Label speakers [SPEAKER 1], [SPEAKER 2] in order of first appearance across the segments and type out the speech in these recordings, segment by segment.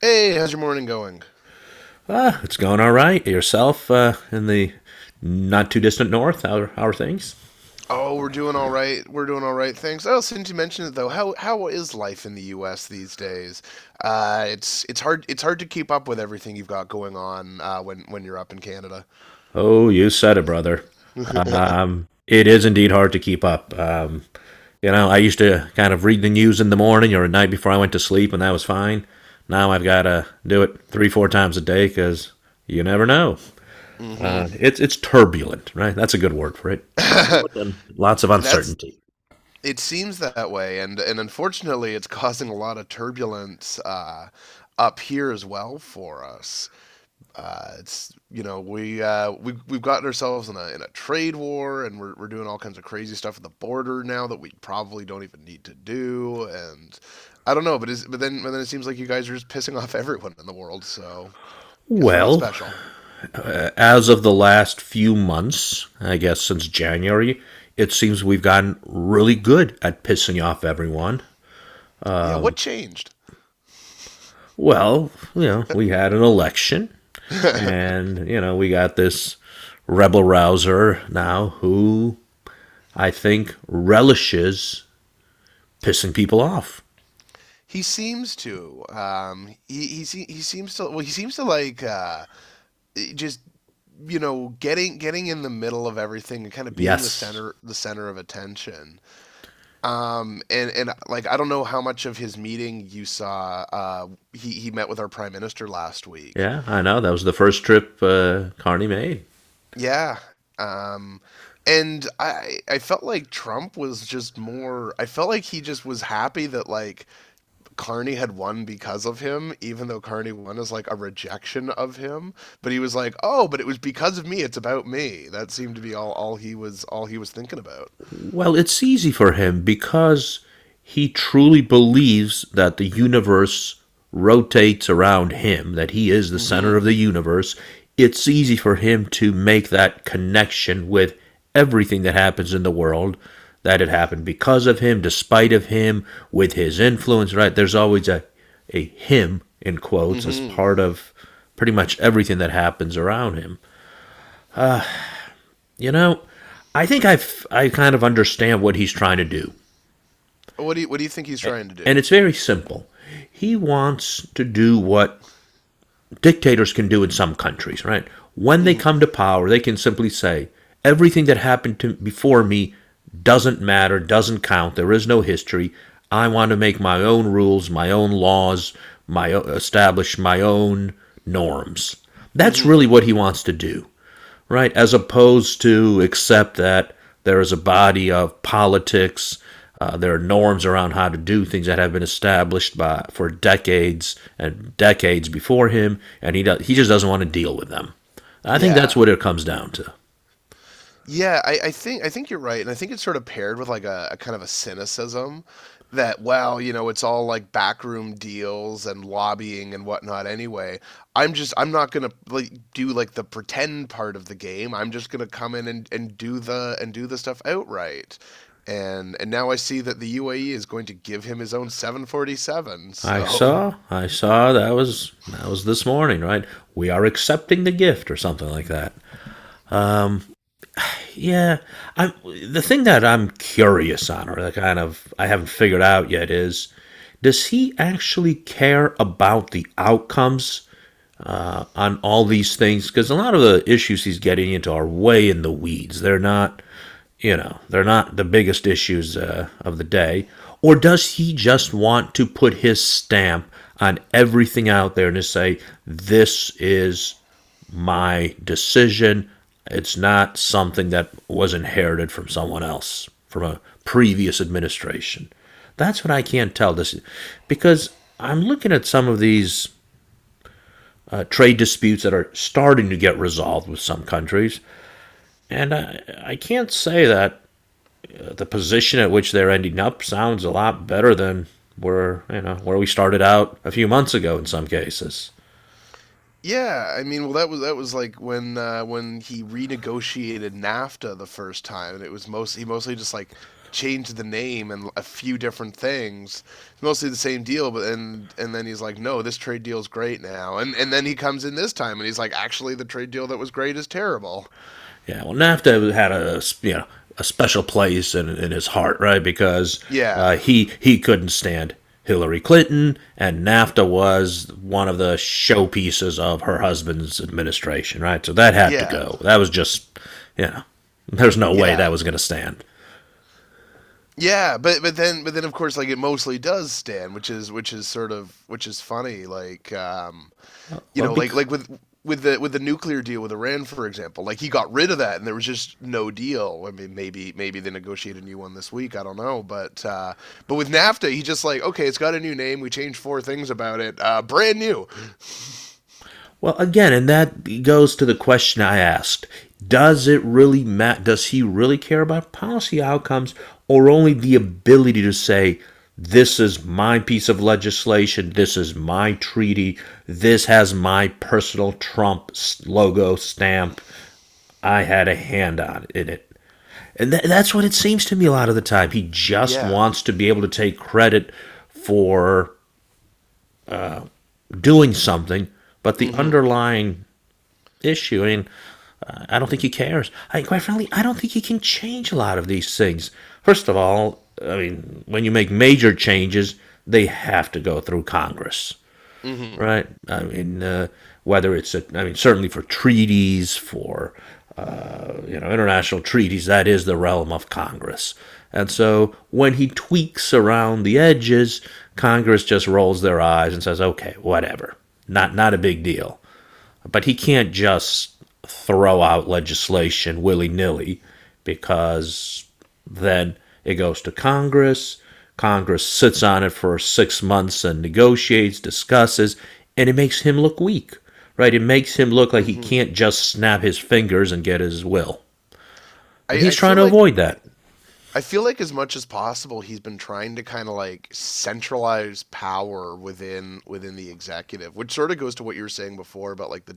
[SPEAKER 1] Hey, how's your morning going?
[SPEAKER 2] It's going all right. Yourself in the not too distant north? How are things?
[SPEAKER 1] Oh, we're doing all right. We're doing all right. Thanks. Oh, since you mentioned it though, how is life in the U.S. these days? It's hard to keep up with everything you've got going on when you're up in Canada.
[SPEAKER 2] Oh, you said it, brother. It is indeed hard to keep up. I used to kind of read the news in the morning or at night before I went to sleep, and that was fine. Now I've got to do it three, four times a day because you never know.
[SPEAKER 1] Hmm.
[SPEAKER 2] It's turbulent, right? That's a good word for it. Turbulent and lots of
[SPEAKER 1] That's
[SPEAKER 2] uncertainty.
[SPEAKER 1] it seems that way, and unfortunately, it's causing a lot of turbulence up here as well for us. It's we we've gotten ourselves in a trade war, and we're doing all kinds of crazy stuff at the border now that we probably don't even need to do. And I don't know, but is but then it seems like you guys are just pissing off everyone in the world. So guess we're not
[SPEAKER 2] Well,
[SPEAKER 1] special.
[SPEAKER 2] as of the last few months, I guess since January, it seems we've gotten really good at pissing off everyone.
[SPEAKER 1] Yeah, what changed?
[SPEAKER 2] Well, you know, we had an election, and, you know, we got this rebel rouser now who I think relishes pissing people off.
[SPEAKER 1] He seems to. He seems to. Well, he seems to like just getting in the middle of everything and kind of being the
[SPEAKER 2] Yes.
[SPEAKER 1] center of attention. And like I don't know how much of his meeting you saw. He met with our prime minister last week.
[SPEAKER 2] Yeah, I know. That was the first trip Carney made.
[SPEAKER 1] Yeah. Um, and I felt like Trump was just more. I felt like he just was happy that like Carney had won because of him, even though Carney won as like a rejection of him. But he was like, oh, but it was because of me. It's about me. That seemed to be all all he was thinking about.
[SPEAKER 2] Well, it's easy for him because he truly believes that the universe rotates around him, that he is the center
[SPEAKER 1] Mm-hmm.
[SPEAKER 2] of the universe. It's easy for him to make that connection with everything that happens in the world that it happened because of him, despite of him, with his influence, right? There's always a him in quotes as
[SPEAKER 1] Mm-hmm.
[SPEAKER 2] part of pretty much everything that happens around him. You know, I think I've I kind of understand what he's trying to do.
[SPEAKER 1] What do you think he's trying to
[SPEAKER 2] And
[SPEAKER 1] do?
[SPEAKER 2] it's very simple. He wants to do what dictators can do in some countries, right? When they come
[SPEAKER 1] Mm-hmm.
[SPEAKER 2] to power, they can simply say, everything that happened to before me doesn't matter, doesn't count. There is no history. I want to make my own rules, my own laws, my establish my own norms. That's
[SPEAKER 1] Mm-hmm.
[SPEAKER 2] really what he wants to do right? As opposed to accept that there is a body of politics, there are norms around how to do things that have been established by for decades and decades before him, and he does, he just doesn't want to deal with them. I think that's
[SPEAKER 1] Yeah.
[SPEAKER 2] what it comes down to.
[SPEAKER 1] Yeah, I think you're right, and I think it's sort of paired with like a kind of a cynicism that, well, you know, it's all like backroom deals and lobbying and whatnot anyway. I'm just I'm not gonna like do like the pretend part of the game. I'm just gonna come in and, do the and do the stuff outright. And now I see that the UAE is going to give him his own 747,
[SPEAKER 2] I
[SPEAKER 1] so
[SPEAKER 2] saw, I saw that was this morning, right? We are accepting the gift or something like that. Um, yeah, I'm the thing that I'm curious on, or that kind of I haven't figured out yet, is does he actually care about the outcomes on all these things? Because a lot of the issues he's getting into are way in the weeds. They're not, you know, they're not the biggest issues of the day. Or does he just want to put his stamp on everything out there and just say, this is my decision. It's not something that was inherited from someone else, from a previous administration. That's what I can't tell this because I'm looking at some of these trade disputes that are starting to get resolved with some countries, and I can't say that the position at which they're ending up sounds a lot better than where you know where we started out a few months ago in some cases.
[SPEAKER 1] yeah, I mean, well, that was like when he renegotiated NAFTA the first time, and it was most he mostly just like changed the name and a few different things. It's mostly the same deal. But and then he's like, no, this trade deal's great now, and then he comes in this time and he's like, actually, the trade deal that was great is terrible.
[SPEAKER 2] Yeah, well, NAFTA had a you know a special place in his heart, right? Because
[SPEAKER 1] Yeah,
[SPEAKER 2] he couldn't stand Hillary Clinton, and NAFTA was one of the showpieces of her husband's administration, right? So that had to
[SPEAKER 1] yeah,
[SPEAKER 2] go. That was just, you know, there's no way that
[SPEAKER 1] yeah.
[SPEAKER 2] was going to stand.
[SPEAKER 1] Yeah, but but then of course like it mostly does stand, which is which is funny like you
[SPEAKER 2] Well,
[SPEAKER 1] know,
[SPEAKER 2] be-
[SPEAKER 1] like with with the nuclear deal with Iran, for example, like he got rid of that, and there was just no deal. I mean, maybe they negotiate a new one this week. I don't know, but with NAFTA, he just like okay, it's got a new name. We changed four things about it. Brand new.
[SPEAKER 2] Well, again, and that goes to the question I asked. Does it really matter? Does he really care about policy outcomes or only the ability to say, this is my piece of legislation, this is my treaty, this has my personal Trump logo stamp, I had a hand on in it? And that's what it seems to me a lot of the time. He just
[SPEAKER 1] Yeah.
[SPEAKER 2] wants to be able to take credit for doing something, but the
[SPEAKER 1] Mm-hmm.
[SPEAKER 2] underlying issue. I mean, I don't think he cares. I, mean, quite frankly, I don't think he can change a lot of these things. First of all, I mean, when you make major changes, they have to go through Congress,
[SPEAKER 1] Mm-hmm.
[SPEAKER 2] right? I mean, whether it's, a, I mean, certainly for treaties, for you know, international treaties, that is the realm of Congress. And so when he tweaks around the edges, Congress just rolls their eyes and says, okay, whatever. Not a big deal. But he can't just throw out legislation willy nilly because then it goes to Congress. Congress sits on it for 6 months and negotiates, discusses, and it makes him look weak, right? It makes him look like he
[SPEAKER 1] Mm-hmm.
[SPEAKER 2] can't just snap his fingers and get his will.
[SPEAKER 1] I,
[SPEAKER 2] And he's
[SPEAKER 1] I
[SPEAKER 2] trying
[SPEAKER 1] feel
[SPEAKER 2] to
[SPEAKER 1] like
[SPEAKER 2] avoid that.
[SPEAKER 1] I feel like as much as possible he's been trying to kind of like centralize power within the executive, which sort of goes to what you were saying before about like the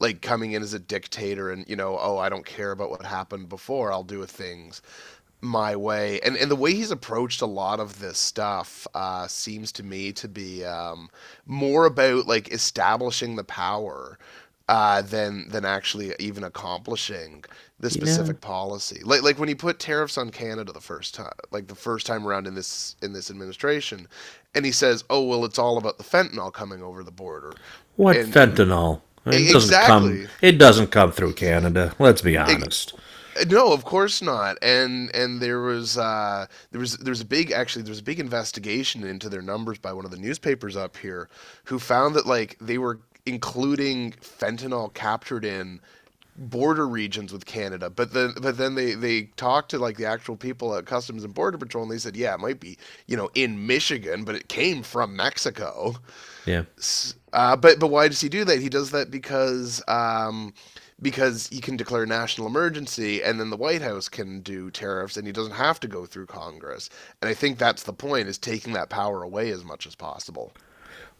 [SPEAKER 1] like coming in as a dictator and you know, oh, I don't care about what happened before. I'll do things my way. And the way he's approached a lot of this stuff seems to me to be more about like establishing the power than actually even accomplishing the
[SPEAKER 2] Yeah.
[SPEAKER 1] specific policy. Like when he put tariffs on Canada the first time, like the first time around in this administration, and he says, "Oh well, it's all about the fentanyl coming over the border,"
[SPEAKER 2] What
[SPEAKER 1] and
[SPEAKER 2] fentanyl? I mean, it doesn't come.
[SPEAKER 1] exactly.
[SPEAKER 2] It doesn't come through Canada. Let's be
[SPEAKER 1] E-
[SPEAKER 2] honest.
[SPEAKER 1] no, of course not. And there was there was a big actually there was a big investigation into their numbers by one of the newspapers up here, who found that like they were including fentanyl captured in border regions with Canada. But then they talked to like the actual people at Customs and Border Patrol and they said, "Yeah, it might be, you know, in Michigan, but it came from Mexico."
[SPEAKER 2] Yeah.
[SPEAKER 1] But why does he do that? He does that because he can declare national emergency and then the White House can do tariffs and he doesn't have to go through Congress. And I think that's the point is taking that power away as much as possible.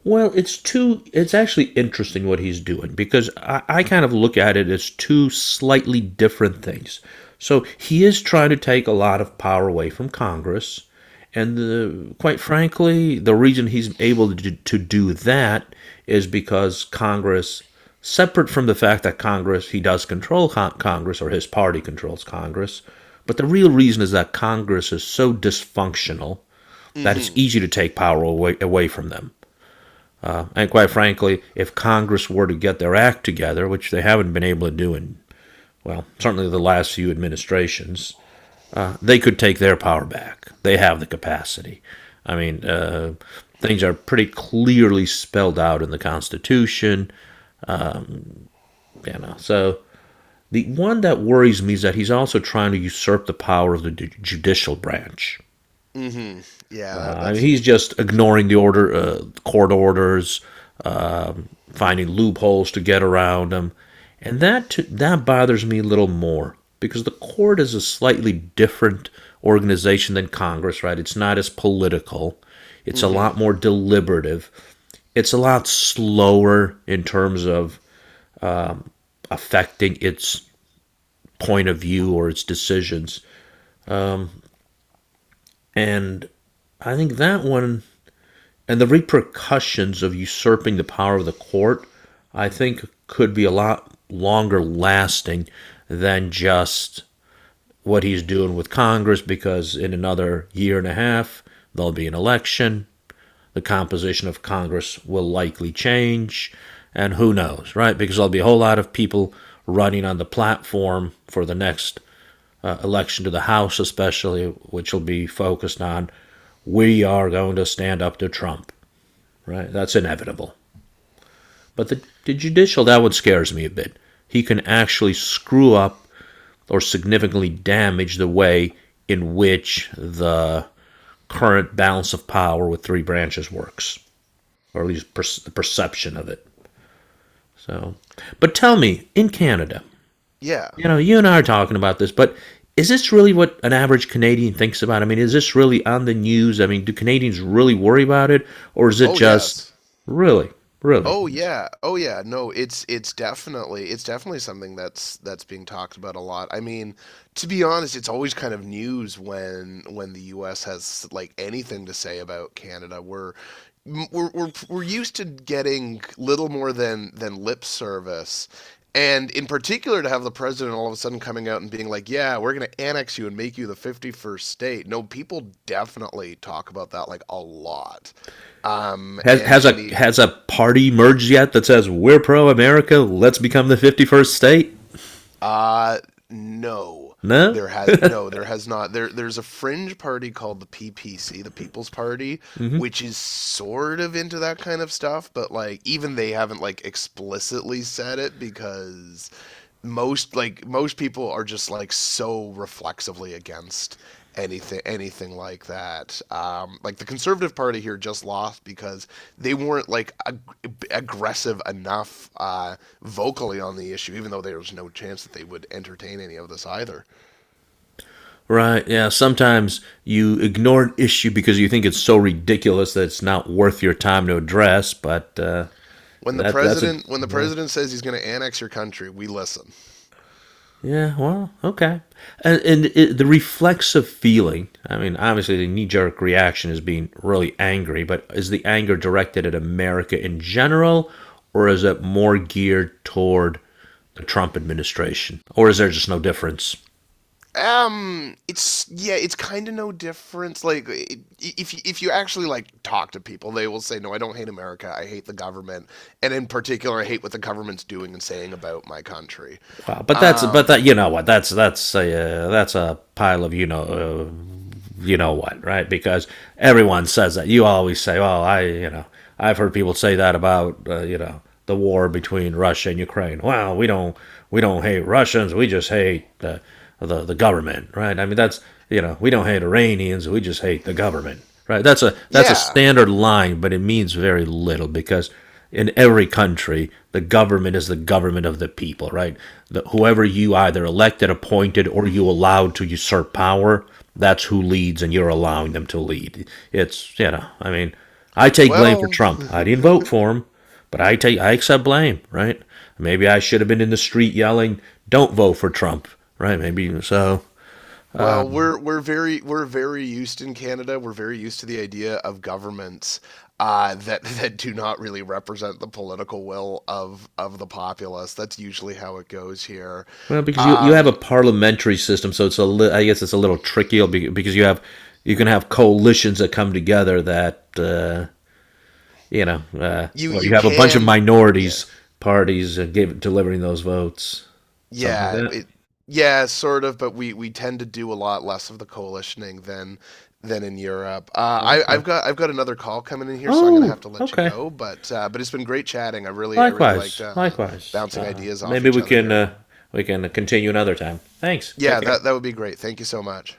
[SPEAKER 2] Well, it's two. It's actually interesting what he's doing because I kind of look at it as two slightly different things. So he is trying to take a lot of power away from Congress, and the, quite frankly, the reason he's able to do that is because Congress, separate from the fact that Congress he does control Congress or his party controls Congress, but the real reason is that Congress is so dysfunctional that it's
[SPEAKER 1] Mhm.
[SPEAKER 2] easy to take power away, away from them. And quite frankly, if Congress were to get their act together, which they haven't been able to do in, well, certainly the last few administrations, they could take their power back. They have the capacity. I mean, things are pretty clearly spelled out in the Constitution. You know, so the one that worries me is that he's also trying to usurp the power of the judicial branch.
[SPEAKER 1] Mhm. Yeah, that
[SPEAKER 2] He's
[SPEAKER 1] seems
[SPEAKER 2] just
[SPEAKER 1] concerning.
[SPEAKER 2] ignoring the order, court orders, finding loopholes to get around them, and that that bothers me a little more because the court is a slightly different organization than Congress, right? It's not as political, it's a
[SPEAKER 1] Mhm.
[SPEAKER 2] lot more deliberative, it's a lot slower in terms of affecting its point of view or its decisions, and I think that one and the repercussions of usurping the power of the court, I think, could be a lot longer lasting than just what he's doing with Congress because in another year and a half, there'll be an election. The composition of Congress will likely change. And who knows, right? Because there'll be a whole lot of people running on the platform for the next election to the House, especially, which will be focused on we are going to stand up to Trump right? That's inevitable. But the judicial, that one scares me a bit. He can actually screw up or significantly damage the way in which the current balance of power with three branches works, or at least the perception of it. So, but tell me, in Canada,
[SPEAKER 1] Yeah.
[SPEAKER 2] you know, you and I are talking about this, but is this really what an average Canadian thinks about? I mean, is this really on the news? I mean, do Canadians really worry about it, or is it
[SPEAKER 1] Oh,
[SPEAKER 2] just
[SPEAKER 1] yes.
[SPEAKER 2] really, really?
[SPEAKER 1] Oh yeah. Oh yeah. No, it's definitely something that's being talked about a lot. I mean, to be honest, it's always kind of news when the US has like anything to say about Canada. We're we're used to getting little more than lip service. And in particular, to have the president all of a sudden coming out and being like, "Yeah, we're going to annex you and make you the 51st state." No, people definitely talk about that like a lot.
[SPEAKER 2] Has
[SPEAKER 1] And
[SPEAKER 2] has
[SPEAKER 1] and
[SPEAKER 2] a
[SPEAKER 1] the
[SPEAKER 2] has a party merged yet that says we're pro America? Let's become the 51st state.
[SPEAKER 1] uh, no.
[SPEAKER 2] No.
[SPEAKER 1] There has there has not. There's a fringe party called the PPC, the People's Party,
[SPEAKER 2] Mm-hmm.
[SPEAKER 1] which is sort of into that kind of stuff, but like even they haven't like explicitly said it because most like most people are just like so reflexively against anything like that. Like the Conservative Party here just lost because they weren't like aggressive enough vocally on the issue, even though there was no chance that they would entertain any of this either.
[SPEAKER 2] Right. Yeah. Sometimes you ignore an issue because you think it's so ridiculous that it's not worth your time to address. But
[SPEAKER 1] When the
[SPEAKER 2] that that's a
[SPEAKER 1] president
[SPEAKER 2] yeah.
[SPEAKER 1] says he's going to annex your country, we listen.
[SPEAKER 2] Yeah, well, okay. And it, the reflexive feeling, I mean, obviously the knee jerk reaction is being really angry, but is the anger directed at America in general, or is it more geared toward the Trump administration? Or is there just no difference?
[SPEAKER 1] It's yeah, it's kind of no difference. Like if if you actually like talk to people, they will say, "No, I don't hate America. I hate the government, and in particular, I hate what the government's doing and saying about my country."
[SPEAKER 2] Wow, but that's but that
[SPEAKER 1] Um,
[SPEAKER 2] you know what that's a pile of you know what right because everyone says that you always say well I you know I've heard people say that about you know the war between Russia and Ukraine well we don't hate Russians we just hate the government right I mean that's you know we don't hate Iranians we just hate the government right that's a
[SPEAKER 1] yeah.
[SPEAKER 2] standard line but it means very little because in every country, the government is the government of the people, right? The, whoever you either elected, appointed, or you allowed to usurp power, that's who leads, and you're allowing them to lead. It's you know, I mean, I take blame for
[SPEAKER 1] Well,
[SPEAKER 2] Trump. I didn't vote for him, but I take I accept blame, right? Maybe I should have been in the street yelling, "Don't vote for Trump," right? Maybe so.
[SPEAKER 1] well, we're very used in Canada. We're very used to the idea of governments that that do not really represent the political will of the populace. That's usually how it goes here.
[SPEAKER 2] Well, because you have a
[SPEAKER 1] Um,
[SPEAKER 2] parliamentary system, so it's a I guess it's a little tricky because you have you can have coalitions that come together that you know
[SPEAKER 1] you
[SPEAKER 2] where
[SPEAKER 1] you
[SPEAKER 2] you have a bunch of
[SPEAKER 1] can yeah
[SPEAKER 2] minorities parties delivering those votes, something like
[SPEAKER 1] yeah
[SPEAKER 2] that.
[SPEAKER 1] it yeah sort of, but we tend to do a lot less of the coalitioning than in Europe.
[SPEAKER 2] Okay.
[SPEAKER 1] I've got another call coming in here, so I'm gonna
[SPEAKER 2] Oh,
[SPEAKER 1] have to let you
[SPEAKER 2] okay.
[SPEAKER 1] go. But it's been great chatting. I really liked
[SPEAKER 2] Likewise, likewise.
[SPEAKER 1] bouncing ideas off
[SPEAKER 2] Maybe
[SPEAKER 1] each other here.
[SPEAKER 2] we can continue another time. Thanks. Take
[SPEAKER 1] Yeah,
[SPEAKER 2] care.
[SPEAKER 1] that would be great. Thank you so much.